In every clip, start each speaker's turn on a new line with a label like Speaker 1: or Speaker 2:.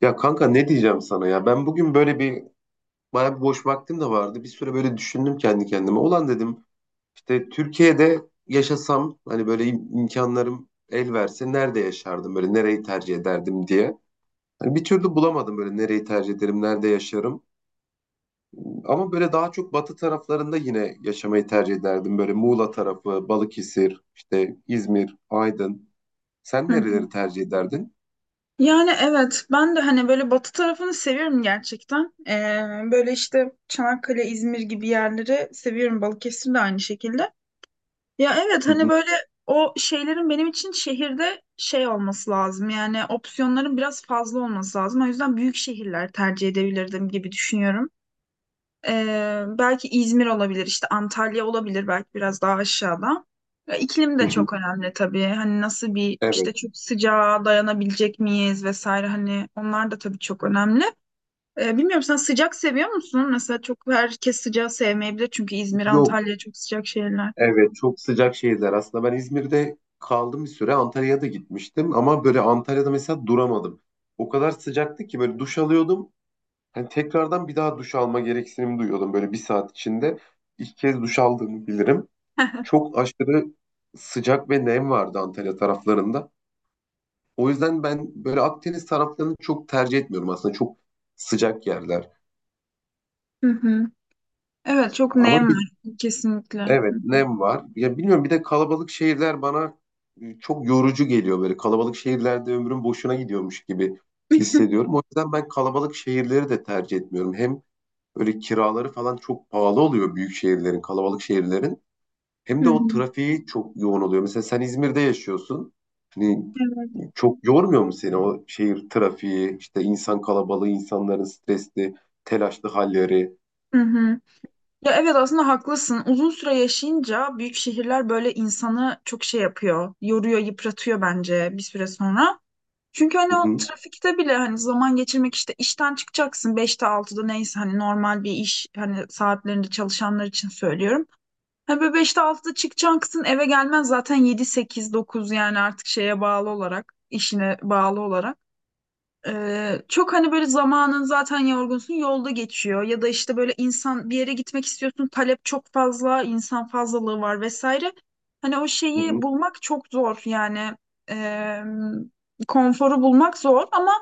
Speaker 1: Ya kanka ne diyeceğim sana ya? Ben bugün böyle bayağı bir boş vaktim de vardı. Bir süre böyle düşündüm kendi kendime. Ulan dedim işte Türkiye'de yaşasam hani böyle imkanlarım el verse nerede yaşardım, böyle nereyi tercih ederdim diye. Hani bir türlü bulamadım böyle nereyi tercih ederim, nerede yaşarım. Ama böyle daha çok batı taraflarında yine yaşamayı tercih ederdim. Böyle Muğla tarafı, Balıkesir, işte İzmir, Aydın. Sen
Speaker 2: Hı.
Speaker 1: nereleri tercih ederdin?
Speaker 2: Yani evet ben de hani böyle batı tarafını seviyorum gerçekten. Böyle işte Çanakkale, İzmir gibi yerleri seviyorum. Balıkesir de aynı şekilde. Ya evet
Speaker 1: Hı
Speaker 2: hani
Speaker 1: hı,
Speaker 2: böyle o şeylerin benim için şehirde şey olması lazım. Yani opsiyonların biraz fazla olması lazım. O yüzden büyük şehirler tercih edebilirdim gibi düşünüyorum. Belki İzmir olabilir, işte Antalya olabilir belki biraz daha aşağıda. Ya, iklim
Speaker 1: hı
Speaker 2: de
Speaker 1: hı.
Speaker 2: çok önemli tabii. Hani nasıl bir işte
Speaker 1: Evet.
Speaker 2: çok sıcağa dayanabilecek miyiz vesaire hani onlar da tabii çok önemli. Bilmiyorum sen sıcak seviyor musun? Mesela çok herkes sıcağı sevmeyebilir çünkü İzmir,
Speaker 1: Yok.
Speaker 2: Antalya çok sıcak şehirler.
Speaker 1: Evet, çok sıcak şehirler. Aslında ben İzmir'de kaldım bir süre. Antalya'ya da gitmiştim ama böyle Antalya'da mesela duramadım. O kadar sıcaktı ki böyle duş alıyordum. Hani tekrardan bir daha duş alma gereksinimi duyuyordum böyle bir saat içinde. İlk kez duş aldığımı bilirim. Çok aşırı sıcak ve nem vardı Antalya taraflarında. O yüzden ben böyle Akdeniz taraflarını çok tercih etmiyorum aslında. Çok sıcak yerler.
Speaker 2: Hı hı. Evet çok nem
Speaker 1: Ama bir.
Speaker 2: var kesinlikle.
Speaker 1: Evet, nem var. Ya bilmiyorum, bir de kalabalık şehirler bana çok yorucu geliyor böyle. Kalabalık şehirlerde ömrüm boşuna gidiyormuş gibi hissediyorum. O yüzden ben kalabalık şehirleri de tercih etmiyorum. Hem böyle kiraları falan çok pahalı oluyor büyük şehirlerin, kalabalık şehirlerin.
Speaker 2: Hı
Speaker 1: Hem de o
Speaker 2: hı.
Speaker 1: trafiği çok yoğun oluyor. Mesela sen İzmir'de yaşıyorsun. Hani
Speaker 2: Evet.
Speaker 1: çok yormuyor mu seni o şehir trafiği, işte insan kalabalığı, insanların stresli, telaşlı halleri?
Speaker 2: Hı hı. Ya evet aslında haklısın. Uzun süre yaşayınca büyük şehirler böyle insanı çok şey yapıyor. Yoruyor, yıpratıyor bence bir süre sonra. Çünkü
Speaker 1: Hı
Speaker 2: hani o
Speaker 1: hı,
Speaker 2: trafikte bile hani zaman geçirmek işte işten çıkacaksın beşte altıda neyse hani normal bir iş hani saatlerinde çalışanlar için söylüyorum. Hani böyle 5'te 6'da çıkacaksın eve gelmen zaten 7 8 9 yani artık şeye bağlı olarak işine bağlı olarak. Çok hani böyle zamanın zaten yorgunsun yolda geçiyor ya da işte böyle insan bir yere gitmek istiyorsun talep çok fazla insan fazlalığı var vesaire. Hani o
Speaker 1: hı
Speaker 2: şeyi
Speaker 1: hı,
Speaker 2: bulmak çok zor yani Ee, konforu bulmak zor ama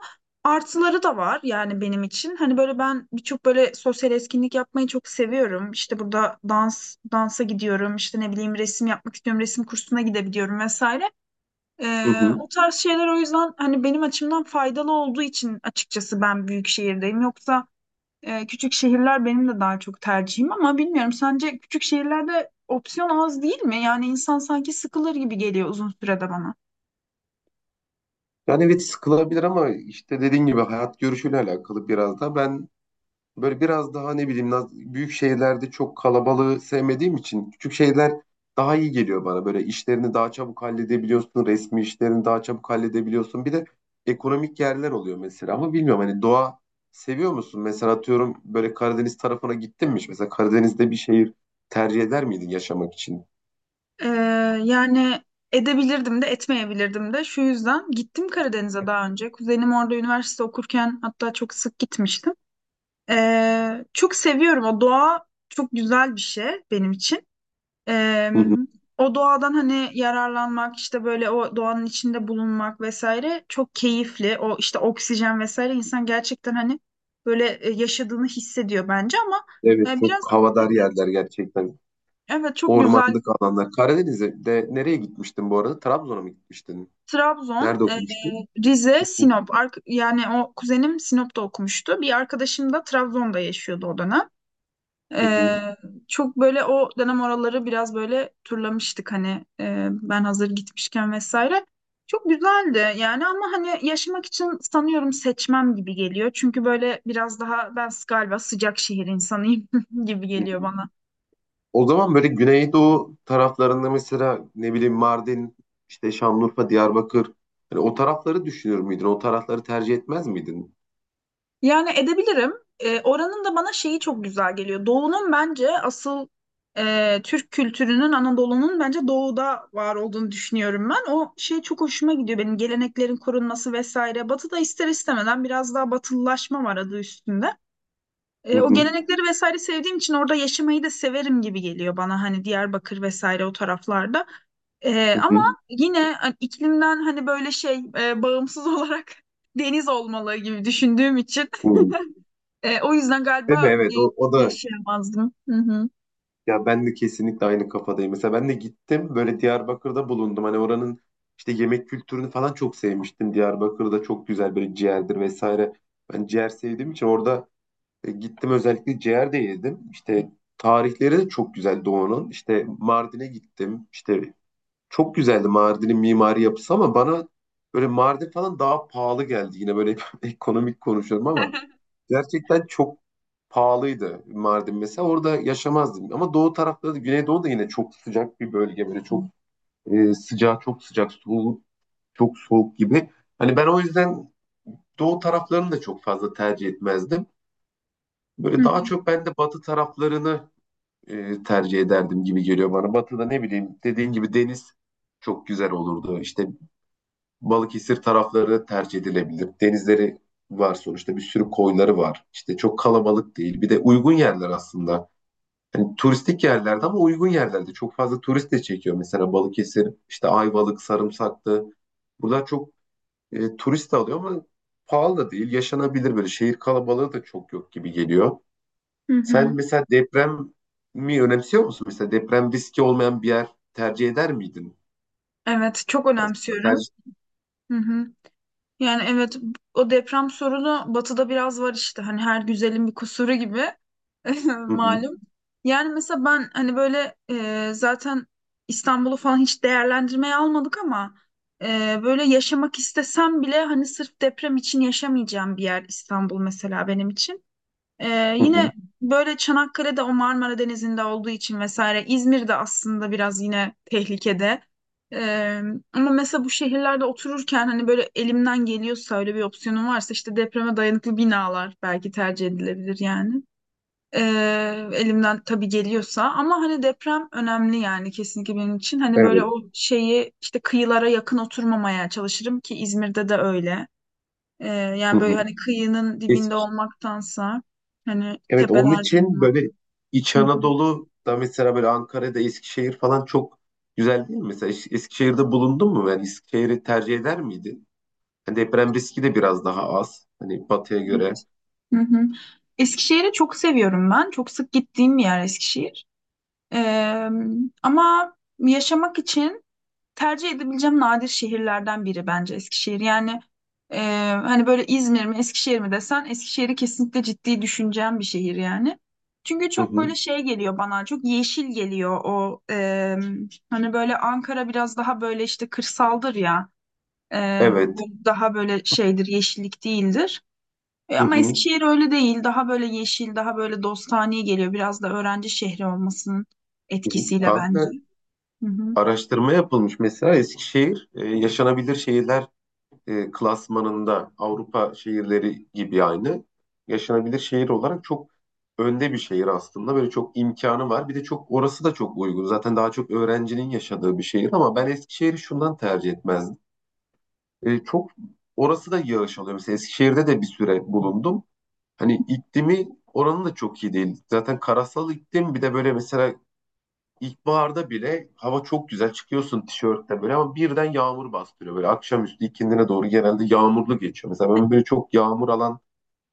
Speaker 2: artıları da var yani benim için. Hani böyle ben birçok böyle sosyal etkinlik yapmayı çok seviyorum. İşte burada dansa gidiyorum işte ne bileyim resim yapmak istiyorum resim kursuna gidebiliyorum vesaire.
Speaker 1: hı hı.
Speaker 2: O tarz şeyler o yüzden hani benim açımdan faydalı olduğu için açıkçası ben büyük şehirdeyim. Yoksa küçük şehirler benim de daha çok tercihim ama bilmiyorum sence küçük şehirlerde opsiyon az değil mi? Yani insan sanki sıkılır gibi geliyor uzun sürede bana.
Speaker 1: Yani evet, sıkılabilir ama işte dediğin gibi hayat görüşüyle alakalı biraz da. Ben böyle biraz daha ne bileyim büyük şehirlerde çok kalabalığı sevmediğim için küçük şeyler daha iyi geliyor bana. Böyle işlerini daha çabuk halledebiliyorsun, resmi işlerini daha çabuk halledebiliyorsun. Bir de ekonomik yerler oluyor mesela. Ama bilmiyorum, hani doğa seviyor musun? Mesela atıyorum böyle Karadeniz tarafına gittin mi hiç? Mesela Karadeniz'de bir şehir tercih eder miydin yaşamak için?
Speaker 2: Ee, Yani edebilirdim de etmeyebilirdim de şu yüzden gittim Karadeniz'e daha önce. Kuzenim orada üniversite okurken hatta çok sık gitmiştim. Çok seviyorum o doğa çok güzel bir şey benim için. Eee,
Speaker 1: Hı hı.
Speaker 2: O doğadan hani yararlanmak işte böyle o doğanın içinde bulunmak vesaire çok keyifli. O işte oksijen vesaire insan gerçekten hani böyle yaşadığını hissediyor bence ama
Speaker 1: Evet, çok
Speaker 2: biraz
Speaker 1: havadar yerler gerçekten.
Speaker 2: evet çok güzel.
Speaker 1: Ormanlık alanlar. Karadeniz'e de nereye gitmiştin bu arada? Trabzon'a mı gitmiştin?
Speaker 2: Trabzon,
Speaker 1: Nerede okumuştun?
Speaker 2: Rize, Sinop. Yani o kuzenim Sinop'ta okumuştu. Bir arkadaşım da Trabzon'da yaşıyordu o dönem.
Speaker 1: Hı
Speaker 2: Ee,
Speaker 1: hı.
Speaker 2: Çok böyle o dönem oraları biraz böyle turlamıştık hani ben hazır gitmişken vesaire. Çok güzeldi yani ama hani yaşamak için sanıyorum seçmem gibi geliyor. Çünkü böyle biraz daha ben galiba sıcak şehir insanıyım gibi geliyor
Speaker 1: Hı.
Speaker 2: bana.
Speaker 1: O zaman böyle Güneydoğu taraflarında mesela ne bileyim Mardin, işte Şanlıurfa, Diyarbakır. Hani o tarafları düşünür müydün? O tarafları tercih etmez miydin?
Speaker 2: Yani edebilirim. E, oranın da bana şeyi çok güzel geliyor. Doğu'nun bence asıl Türk kültürünün, Anadolu'nun bence Doğu'da var olduğunu düşünüyorum ben. O şey çok hoşuma gidiyor benim geleneklerin korunması vesaire. Batı'da ister istemeden biraz daha batılılaşma var adı üstünde.
Speaker 1: Hı
Speaker 2: E, o
Speaker 1: hı.
Speaker 2: gelenekleri vesaire sevdiğim için orada yaşamayı da severim gibi geliyor bana hani Diyarbakır vesaire o taraflarda. E,
Speaker 1: Hı
Speaker 2: ama
Speaker 1: hı.
Speaker 2: yine hani, iklimden hani böyle şey bağımsız olarak deniz olmalı gibi düşündüğüm için.
Speaker 1: Hı.
Speaker 2: E, o yüzden
Speaker 1: Değil mi?
Speaker 2: galiba
Speaker 1: Evet. O, o da.
Speaker 2: yaşayamazdım. Hı hı.
Speaker 1: Ya ben de kesinlikle aynı kafadayım. Mesela ben de gittim, böyle Diyarbakır'da bulundum. Hani oranın işte yemek kültürünü falan çok sevmiştim. Diyarbakır'da çok güzel böyle ciğerdir vesaire. Ben ciğer sevdiğim için orada gittim özellikle, ciğer de yedim. İşte tarihleri de çok güzel Doğu'nun. İşte Mardin'e gittim. İşte çok güzeldi Mardin'in mimari yapısı ama bana böyle Mardin falan daha pahalı geldi. Yine böyle ekonomik konuşuyorum ama gerçekten çok pahalıydı Mardin mesela. Orada yaşamazdım. Ama doğu tarafları da, Güneydoğu da yine çok sıcak bir bölge. Böyle çok sıcağı çok sıcak, soğuk çok soğuk gibi. Hani ben o yüzden doğu taraflarını da çok fazla tercih etmezdim.
Speaker 2: Hı
Speaker 1: Böyle
Speaker 2: hı.
Speaker 1: daha çok ben de batı taraflarını tercih ederdim gibi geliyor bana. Batı'da ne bileyim, dediğin gibi deniz çok güzel olurdu. İşte Balıkesir tarafları tercih edilebilir. Denizleri var sonuçta, bir sürü koyları var. İşte çok kalabalık değil. Bir de uygun yerler aslında. Yani turistik yerlerde ama uygun yerlerde. Çok fazla turist de çekiyor. Mesela Balıkesir, işte Ayvalık, Sarımsaklı. Buralar çok turist de alıyor ama pahalı da değil. Yaşanabilir böyle. Şehir kalabalığı da çok yok gibi geliyor.
Speaker 2: Hı
Speaker 1: Sen
Speaker 2: hı.
Speaker 1: mesela deprem mi önemsiyor musun? Mesela deprem riski olmayan bir yer tercih eder miydin?
Speaker 2: Evet, çok
Speaker 1: Aslında
Speaker 2: önemsiyorum.
Speaker 1: tercih...
Speaker 2: Hı hı. Yani evet, o deprem sorunu batıda biraz var işte. Hani her güzelin bir kusuru gibi.
Speaker 1: Hı hı,
Speaker 2: Malum. Yani mesela ben hani böyle zaten İstanbul'u falan hiç değerlendirmeye almadık ama böyle yaşamak istesem bile hani sırf deprem için yaşamayacağım bir yer İstanbul mesela benim için.
Speaker 1: hı hı.
Speaker 2: Yine böyle Çanakkale'de o Marmara Denizi'nde olduğu için vesaire İzmir'de aslında biraz yine tehlikede. Ee, Ama mesela bu şehirlerde otururken hani böyle elimden geliyorsa öyle bir opsiyonum varsa işte depreme dayanıklı binalar belki tercih edilebilir yani. Ee, Elimden tabii geliyorsa ama hani deprem önemli yani kesinlikle benim için. Hani böyle
Speaker 1: Evet.
Speaker 2: o şeyi işte kıyılara yakın oturmamaya çalışırım ki İzmir'de de öyle.
Speaker 1: Hı
Speaker 2: Yani böyle
Speaker 1: hı.
Speaker 2: hani kıyının dibinde olmaktansa hani
Speaker 1: Evet, onun
Speaker 2: tepelerde
Speaker 1: için
Speaker 2: olmak.
Speaker 1: böyle İç
Speaker 2: Hı hı.
Speaker 1: Anadolu'da mesela böyle Ankara'da, Eskişehir falan çok güzel değil mi? Mesela Eskişehir'de bulundun mu? Yani Eskişehir'i tercih eder miydin? Hani deprem riski de biraz daha az, hani batıya göre.
Speaker 2: Hı hı. Eskişehir'i çok seviyorum ben. Çok sık gittiğim bir yer Eskişehir. Ee, Ama yaşamak için tercih edebileceğim nadir şehirlerden biri bence Eskişehir. Yani e, hani böyle İzmir mi Eskişehir mi desen Eskişehir'i kesinlikle ciddi düşüneceğim bir şehir yani. Çünkü
Speaker 1: Hı
Speaker 2: çok böyle
Speaker 1: hı.
Speaker 2: şey geliyor bana çok yeşil geliyor o hani böyle Ankara biraz daha böyle işte kırsaldır ya E,
Speaker 1: Evet.
Speaker 2: bu daha böyle şeydir yeşillik değildir. E,
Speaker 1: Hı
Speaker 2: ama
Speaker 1: hı.
Speaker 2: Eskişehir öyle değil daha böyle yeşil daha böyle dostane geliyor biraz da öğrenci şehri olmasının
Speaker 1: Hı hı.
Speaker 2: etkisiyle bence.
Speaker 1: Kanka
Speaker 2: Hı hı.
Speaker 1: araştırma yapılmış mesela. Eskişehir yaşanabilir şehirler klasmanında Avrupa şehirleri gibi, aynı yaşanabilir şehir olarak çok önde bir şehir aslında. Böyle çok imkanı var. Bir de çok orası da çok uygun. Zaten daha çok öğrencinin yaşadığı bir şehir. Ama ben Eskişehir'i şundan tercih etmezdim. E, çok orası da yağış alıyor. Mesela Eskişehir'de de bir süre bulundum. Hani iklimi oranın da çok iyi değil. Zaten karasal iklim. Bir de böyle mesela İlkbaharda bile hava çok güzel, çıkıyorsun tişörtte böyle ama birden yağmur bastırıyor. Böyle akşamüstü, ikindine doğru genelde yağmurlu geçiyor. Mesela ben böyle çok yağmur alan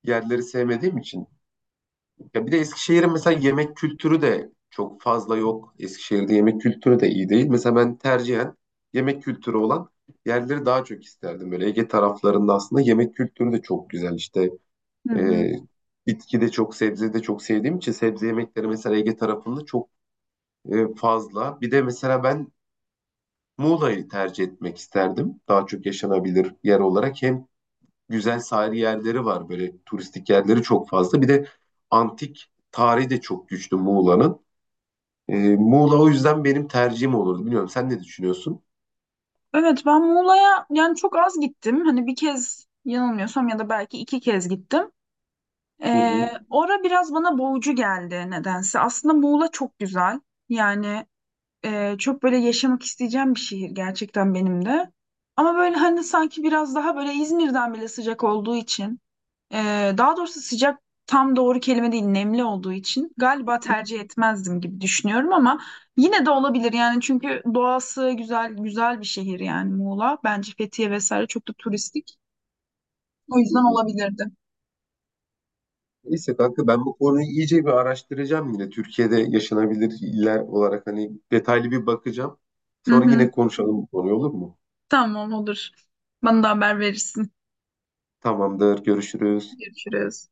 Speaker 1: yerleri sevmediğim için. Ya bir de Eskişehir'in mesela yemek kültürü de çok fazla yok. Eskişehir'de yemek kültürü de iyi değil. Mesela ben tercihen yemek kültürü olan yerleri daha çok isterdim. Böyle Ege taraflarında aslında yemek kültürü de çok güzel. İşte
Speaker 2: Hı hı.
Speaker 1: e, bitki de çok, sebze de çok sevdiğim için sebze yemekleri mesela Ege tarafında çok fazla. Bir de mesela ben Muğla'yı tercih etmek isterdim. Daha çok yaşanabilir yer olarak. Hem güzel sahil yerleri var, böyle turistik yerleri çok fazla. Bir de antik tarihi de çok güçlü Muğla'nın. Muğla o yüzden benim tercihim olurdu. Bilmiyorum, sen ne düşünüyorsun?
Speaker 2: Evet ben Muğla'ya yani çok az gittim. Hani bir kez yanılmıyorsam ya da belki iki kez gittim.
Speaker 1: Hı hı.
Speaker 2: Ora biraz bana boğucu geldi nedense. Aslında Muğla çok güzel. Yani çok böyle yaşamak isteyeceğim bir şehir gerçekten benim de. Ama böyle hani sanki biraz daha böyle İzmir'den bile sıcak olduğu için. Daha doğrusu sıcak tam doğru kelime değil, nemli olduğu için galiba tercih etmezdim gibi düşünüyorum ama yine de olabilir yani çünkü doğası güzel güzel bir şehir yani Muğla. Bence Fethiye vesaire çok da turistik. O
Speaker 1: Hı
Speaker 2: yüzden
Speaker 1: hı.
Speaker 2: olabilirdi.
Speaker 1: Neyse kanka, ben bu konuyu iyice bir araştıracağım yine. Türkiye'de yaşanabilir iller olarak hani detaylı bir bakacağım.
Speaker 2: Hı
Speaker 1: Sonra
Speaker 2: hı.
Speaker 1: yine konuşalım bu konuyu, olur mu?
Speaker 2: Tamam olur. Bana da haber verirsin.
Speaker 1: Tamamdır, görüşürüz.
Speaker 2: Görüşürüz.